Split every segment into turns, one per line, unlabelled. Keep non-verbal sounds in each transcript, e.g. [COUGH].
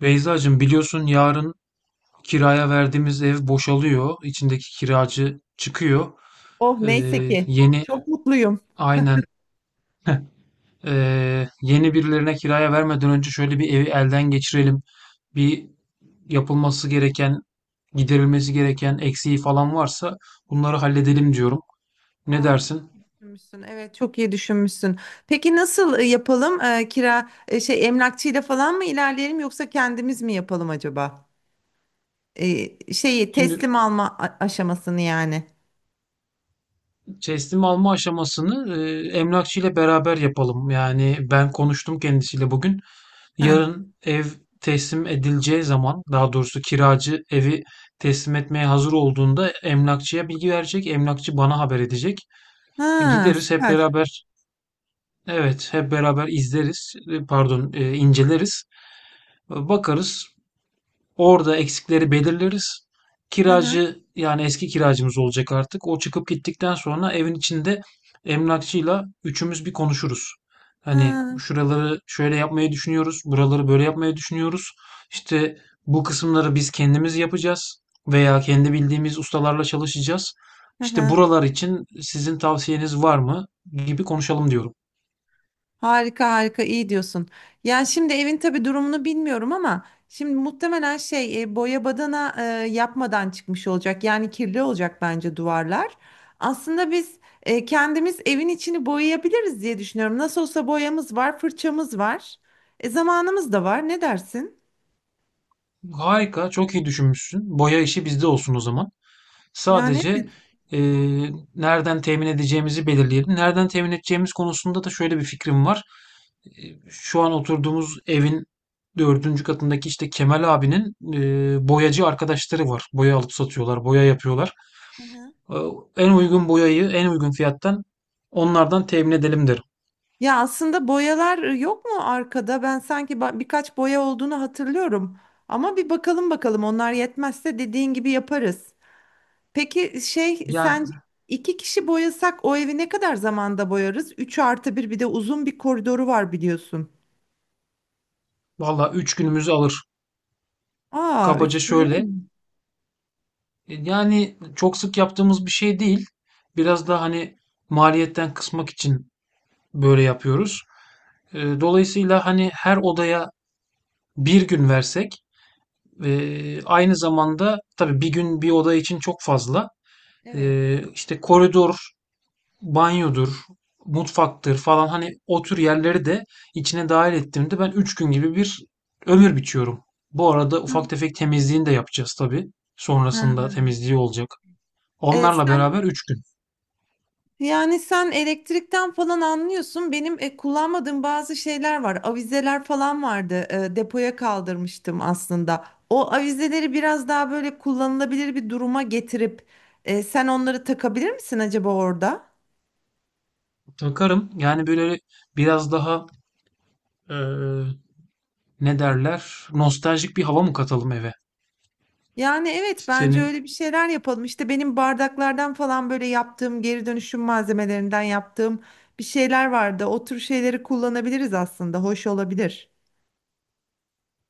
Beyzacığım biliyorsun yarın kiraya verdiğimiz ev boşalıyor. İçindeki kiracı çıkıyor.
Oh,
Ee,
neyse ki.
Yeni
Çok mutluyum.
aynen yeni birilerine kiraya vermeden önce şöyle bir evi elden geçirelim. Bir yapılması gereken, giderilmesi gereken eksiği falan varsa bunları halledelim diyorum. Ne
Aa,
dersin?
iyi düşünmüşsün. Evet, çok iyi düşünmüşsün. Peki nasıl yapalım? Kira şey emlakçıyla falan mı ilerleyelim yoksa kendimiz mi yapalım acaba? Şeyi
Şimdi
teslim alma aşamasını yani.
teslim alma aşamasını emlakçı ile beraber yapalım. Yani ben konuştum kendisiyle bugün.
Ha.
Yarın ev teslim edileceği zaman, daha doğrusu kiracı evi teslim etmeye hazır olduğunda emlakçıya bilgi verecek. Emlakçı bana haber edecek.
Ha,
Gideriz hep
süper.
beraber. Evet, hep beraber izleriz. Pardon, inceleriz. Bakarız. Orada eksikleri belirleriz.
Hı hı.
Kiracı yani eski kiracımız olacak artık. O çıkıp gittikten sonra evin içinde emlakçıyla üçümüz bir konuşuruz. Hani
Ha.
şuraları şöyle yapmayı düşünüyoruz, buraları böyle yapmayı düşünüyoruz. İşte bu kısımları biz kendimiz yapacağız veya kendi bildiğimiz ustalarla çalışacağız.
Hı
İşte
hı.
buralar için sizin tavsiyeniz var mı gibi konuşalım diyorum.
Harika harika, iyi diyorsun. Yani şimdi evin tabii durumunu bilmiyorum, ama şimdi muhtemelen şey boya badana yapmadan çıkmış olacak. Yani kirli olacak bence duvarlar. Aslında biz kendimiz evin içini boyayabiliriz diye düşünüyorum. Nasıl olsa boyamız var, fırçamız var. Zamanımız da var. Ne dersin?
Harika, çok iyi düşünmüşsün. Boya işi bizde olsun o zaman.
Yani
Sadece,
evet.
nereden temin edeceğimizi belirleyelim. Nereden temin edeceğimiz konusunda da şöyle bir fikrim var. Şu an oturduğumuz evin dördüncü katındaki, işte, Kemal abinin, boyacı arkadaşları var. Boya alıp satıyorlar, boya yapıyorlar.
Hı hı.
Ooo, en uygun boyayı en uygun fiyattan onlardan temin edelim derim.
Ya aslında boyalar yok mu arkada? Ben sanki birkaç boya olduğunu hatırlıyorum. Ama bir bakalım, bakalım onlar yetmezse dediğin gibi yaparız. Peki şey,
Yani,
sence iki kişi boyasak o evi ne kadar zamanda boyarız? 3 artı bir, bir de uzun bir koridoru var biliyorsun.
vallahi üç günümüzü alır.
Aa,
Kabaca
üç.
şöyle, yani, çok sık yaptığımız bir şey değil. Biraz da, hani, maliyetten kısmak için böyle yapıyoruz. Dolayısıyla hani her odaya bir gün versek aynı zamanda tabii bir gün bir oda için çok fazla
Evet.
işte koridor, banyodur, mutfaktır falan hani o tür yerleri de içine dahil ettiğimde ben 3 gün gibi bir ömür biçiyorum. Bu arada
Hı.
ufak tefek temizliğini de yapacağız tabii. Sonrasında
Ha.
temizliği olacak.
E,
Onlarla
sen
beraber 3 gün.
yani sen elektrikten falan anlıyorsun. Benim kullanmadığım bazı şeyler var. Avizeler falan vardı. E, depoya kaldırmıştım aslında. O avizeleri biraz daha böyle kullanılabilir bir duruma getirip sen onları takabilir misin acaba orada?
Takarım. Yani böyle biraz daha e, ne derler? Nostaljik bir hava mı katalım eve?
Yani evet, bence
Senin
öyle bir şeyler yapalım. İşte benim bardaklardan falan böyle yaptığım, geri dönüşüm malzemelerinden yaptığım bir şeyler vardı. O tür şeyleri kullanabiliriz aslında. Hoş olabilir.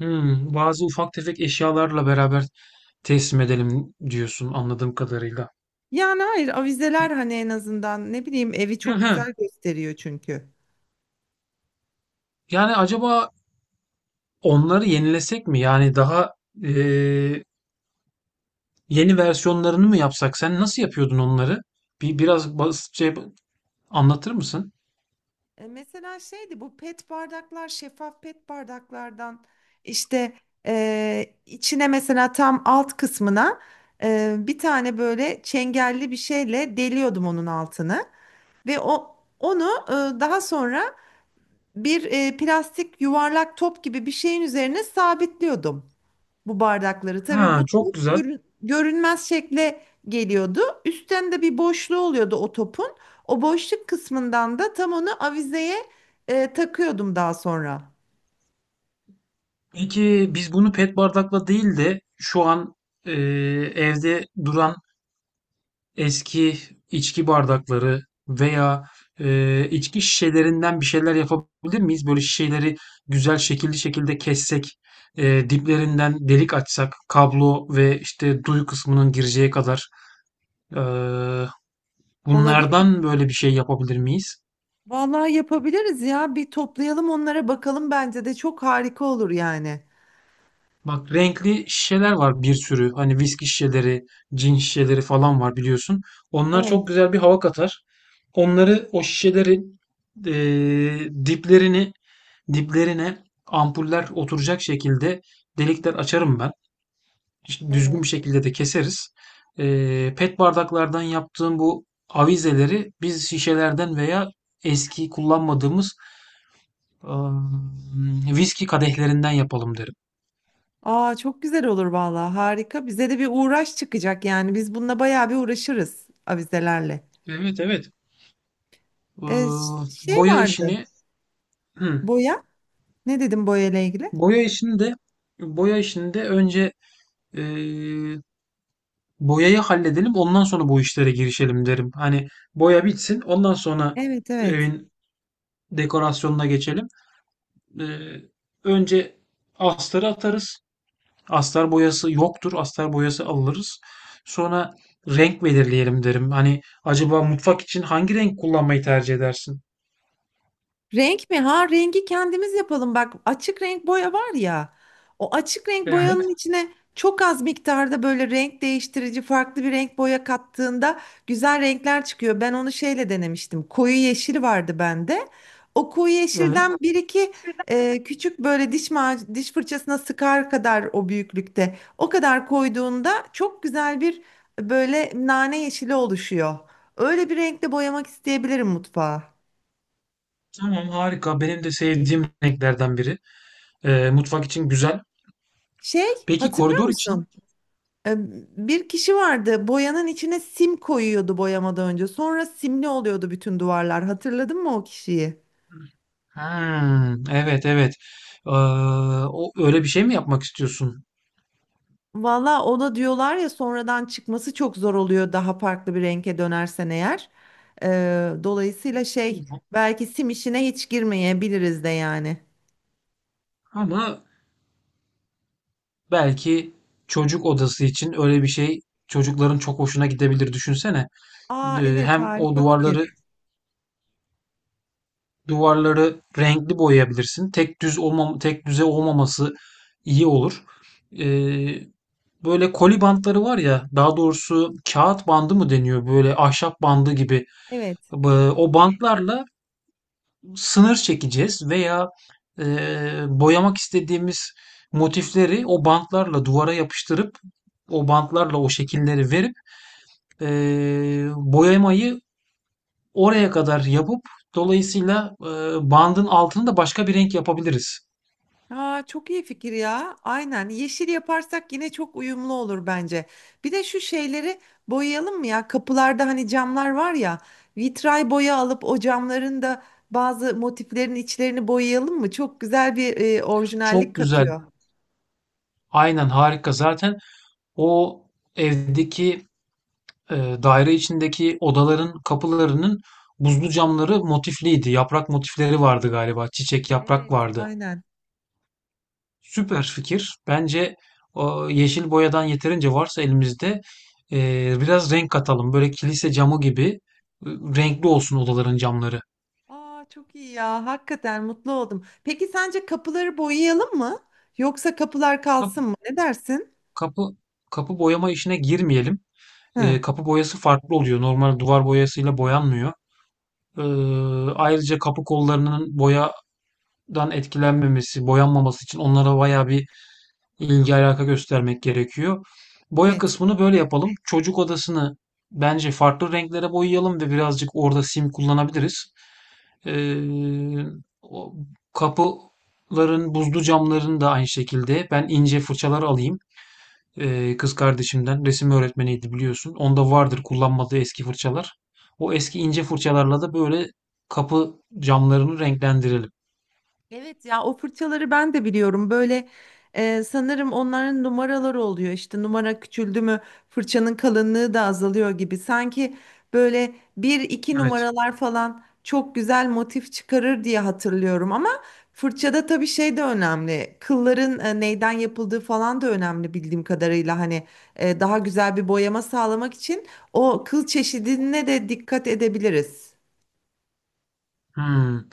bazı ufak tefek eşyalarla beraber teslim edelim diyorsun anladığım kadarıyla.
Yani hayır, avizeler hani en azından, ne bileyim, evi
Hı
çok
hı.
güzel gösteriyor çünkü.
Yani acaba onları yenilesek mi? Yani daha eee, yeni versiyonlarını mı yapsak? Sen nasıl yapıyordun onları? Biraz basitçe anlatır mısın?
Mesela şeydi, bu pet bardaklar, şeffaf pet bardaklardan işte içine mesela tam alt kısmına bir tane böyle çengelli bir şeyle deliyordum onun altını, ve o onu daha sonra bir plastik yuvarlak top gibi bir şeyin üzerine sabitliyordum bu bardakları. Tabii
Ha,
bu
çok
top
güzel.
görünmez şekle geliyordu. Üstten de bir boşluğu oluyordu o topun. O boşluk kısmından da tam onu avizeye takıyordum daha sonra.
Peki biz bunu pet bardakla değil de şu an eee, evde duran eski içki bardakları veya, içki şişelerinden bir şeyler yapabilir miyiz? Böyle şişeleri güzel şekilli şekilde kessek, diplerinden delik açsak, kablo ve işte duy kısmının gireceği kadar. Eee,
Olabilir.
Bunlardan böyle bir şey yapabilir miyiz?
Vallahi yapabiliriz ya. Bir toplayalım, onlara bakalım, bence de çok harika olur yani.
Bak renkli şişeler var bir sürü. Hani viski şişeleri, cin şişeleri falan var biliyorsun. Onlar
Evet.
çok güzel bir hava katar. Onları o şişelerin eee, diplerini diplerine ampuller oturacak şekilde delikler açarım ben. İşte düzgün
Evet.
bir şekilde de keseriz. Pet bardaklardan yaptığım bu avizeleri biz şişelerden veya eski kullanmadığımız ıı, viski kadehlerinden yapalım derim.
Aa, çok güzel olur vallahi, harika. Bize de bir uğraş çıkacak yani. Biz bununla bayağı bir uğraşırız avizelerle.
Evet, evet.
Şey
Boya
vardı.
işini [CLEARS THROAT]
Boya. Ne dedim boya ile ilgili?
boya işini de boya işini de önce eee, boyayı halledelim ondan sonra bu işlere girişelim derim. Hani boya bitsin ondan sonra
Evet, evet.
evin dekorasyonuna geçelim. Eee, Önce astarı atarız. Astar boyası yoktur. Astar boyası alırız. Sonra renk belirleyelim derim. Hani acaba mutfak için hangi renk kullanmayı tercih edersin?
Renk mi? Ha, rengi kendimiz yapalım. Bak, açık renk boya var ya. O açık renk
Evet,
boyanın içine çok az miktarda böyle renk değiştirici farklı bir renk boya kattığında güzel renkler çıkıyor. Ben onu şeyle denemiştim. Koyu yeşil vardı bende. O koyu yeşilden
evet.
bir iki küçük, böyle diş fırçasına sıkar kadar o büyüklükte. O kadar koyduğunda çok güzel, bir böyle nane yeşili oluşuyor. Öyle bir renkle boyamak isteyebilirim mutfağı.
Tamam harika. Benim de sevdiğim renklerden biri. Mutfak için güzel.
Şey,
Peki
hatırlıyor
koridor için?
musun? Ee, Bir kişi vardı, boyanın içine sim koyuyordu boyamadan önce. Sonra simli oluyordu bütün duvarlar. Hatırladın mı o kişiyi?
Hımm. Evet, evet. Eee, O öyle bir şey mi yapmak istiyorsun?
Valla, ona diyorlar ya, sonradan çıkması çok zor oluyor daha farklı bir renge dönersen eğer. Dolayısıyla şey, belki sim işine hiç girmeyebiliriz de yani.
Ama belki çocuk odası için öyle bir şey çocukların çok hoşuna gidebilir. Düşünsene.
Aa evet,
Hem o
harika fikir.
duvarları renkli boyayabilirsin. Tek düze olmaması iyi olur. Eee, Böyle koli bantları var ya, daha doğrusu kağıt bandı mı deniyor? Böyle ahşap bandı gibi.
Evet.
O bantlarla sınır çekeceğiz veya boyamak istediğimiz motifleri o bantlarla duvara yapıştırıp o bantlarla o şekilleri verip boyamayı oraya kadar yapıp dolayısıyla bandın altını da başka bir renk yapabiliriz.
Aa, çok iyi fikir ya. Aynen. Yeşil yaparsak yine çok uyumlu olur bence. Bir de şu şeyleri boyayalım mı ya? Kapılarda hani camlar var ya. Vitray boya alıp o camların da bazı motiflerin içlerini boyayalım mı? Çok güzel bir orijinallik
Çok güzel.
katıyor.
Aynen harika. Zaten o evdeki e, daire içindeki odaların kapılarının buzlu camları motifliydi. Yaprak motifleri vardı galiba. Çiçek yaprak
Evet.
vardı.
Aynen.
Süper fikir. Bence o yeşil boyadan yeterince varsa elimizde biraz renk katalım. Böyle kilise camı gibi renkli olsun odaların camları.
Aa, çok iyi ya. Hakikaten mutlu oldum. Peki sence kapıları boyayalım mı? Yoksa kapılar
Kapı,
kalsın mı? Ne dersin?
kapı, kapı boyama işine girmeyelim.
Hı.
Kapı boyası farklı oluyor. Normal duvar boyasıyla boyanmıyor. E, Ayrıca kapı kollarının boyadan etkilenmemesi, boyanmaması için onlara bayağı bir ilgi alaka göstermek gerekiyor. Boya
Evet.
kısmını böyle yapalım. Çocuk odasını bence farklı renklere boyayalım ve birazcık orada sim kullanabiliriz. Ee, Kapıların buzlu camların da aynı şekilde ben ince fırçalar alayım. Kız kardeşimden resim öğretmeniydi biliyorsun. Onda vardır kullanmadığı eski fırçalar. O eski ince fırçalarla da böyle kapı camlarını renklendirelim.
Evet ya, o fırçaları ben de biliyorum. Böyle sanırım onların numaraları oluyor. İşte numara küçüldü mü fırçanın kalınlığı da azalıyor gibi. Sanki böyle bir iki
Evet.
numaralar falan çok güzel motif çıkarır diye hatırlıyorum. Ama fırçada tabii şey de önemli. Kılların neyden yapıldığı falan da önemli bildiğim kadarıyla. Hani daha güzel bir boyama sağlamak için o kıl çeşidine de dikkat edebiliriz.
Hmm.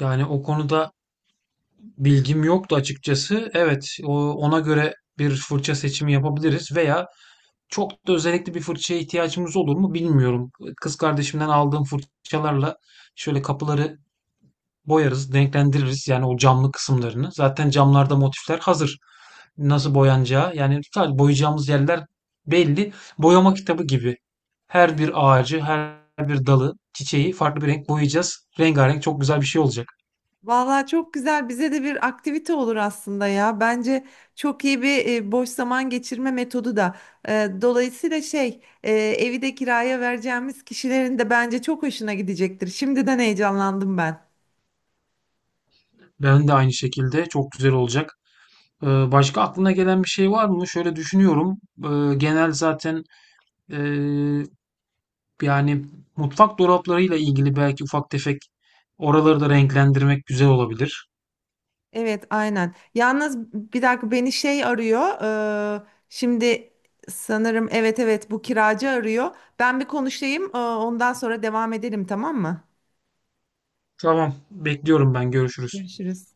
Yani o konuda bilgim yoktu açıkçası. Evet, ona göre bir fırça seçimi yapabiliriz veya çok da özellikle bir fırçaya ihtiyacımız olur mu bilmiyorum. Kız kardeşimden aldığım fırçalarla şöyle kapıları boyarız, renklendiririz yani o camlı kısımlarını. Zaten camlarda motifler hazır. Nasıl
Evet.
boyanacağı yani sadece boyayacağımız yerler belli. Boyama kitabı gibi. Her bir
Evet.
ağacı, her bir dalı, çiçeği farklı bir renk boyayacağız. Rengarenk çok güzel bir şey olacak.
Vallahi çok güzel. Bize de bir aktivite olur aslında ya. Bence çok iyi bir boş zaman geçirme metodu da. E, Dolayısıyla şey, evi de kiraya vereceğimiz kişilerin de bence çok hoşuna gidecektir. Şimdiden heyecanlandım ben.
Ben de aynı şekilde çok güzel olacak. Başka aklına gelen bir şey var mı? Şöyle düşünüyorum. Genel zaten ee, yani mutfak dolaplarıyla ilgili belki ufak tefek oraları da renklendirmek güzel olabilir.
Evet, aynen. Yalnız bir dakika, beni şey arıyor. Şimdi sanırım, evet evet, bu kiracı arıyor. Ben bir konuşayım. Ondan sonra devam edelim, tamam mı?
Tamam, bekliyorum ben. Görüşürüz.
Görüşürüz.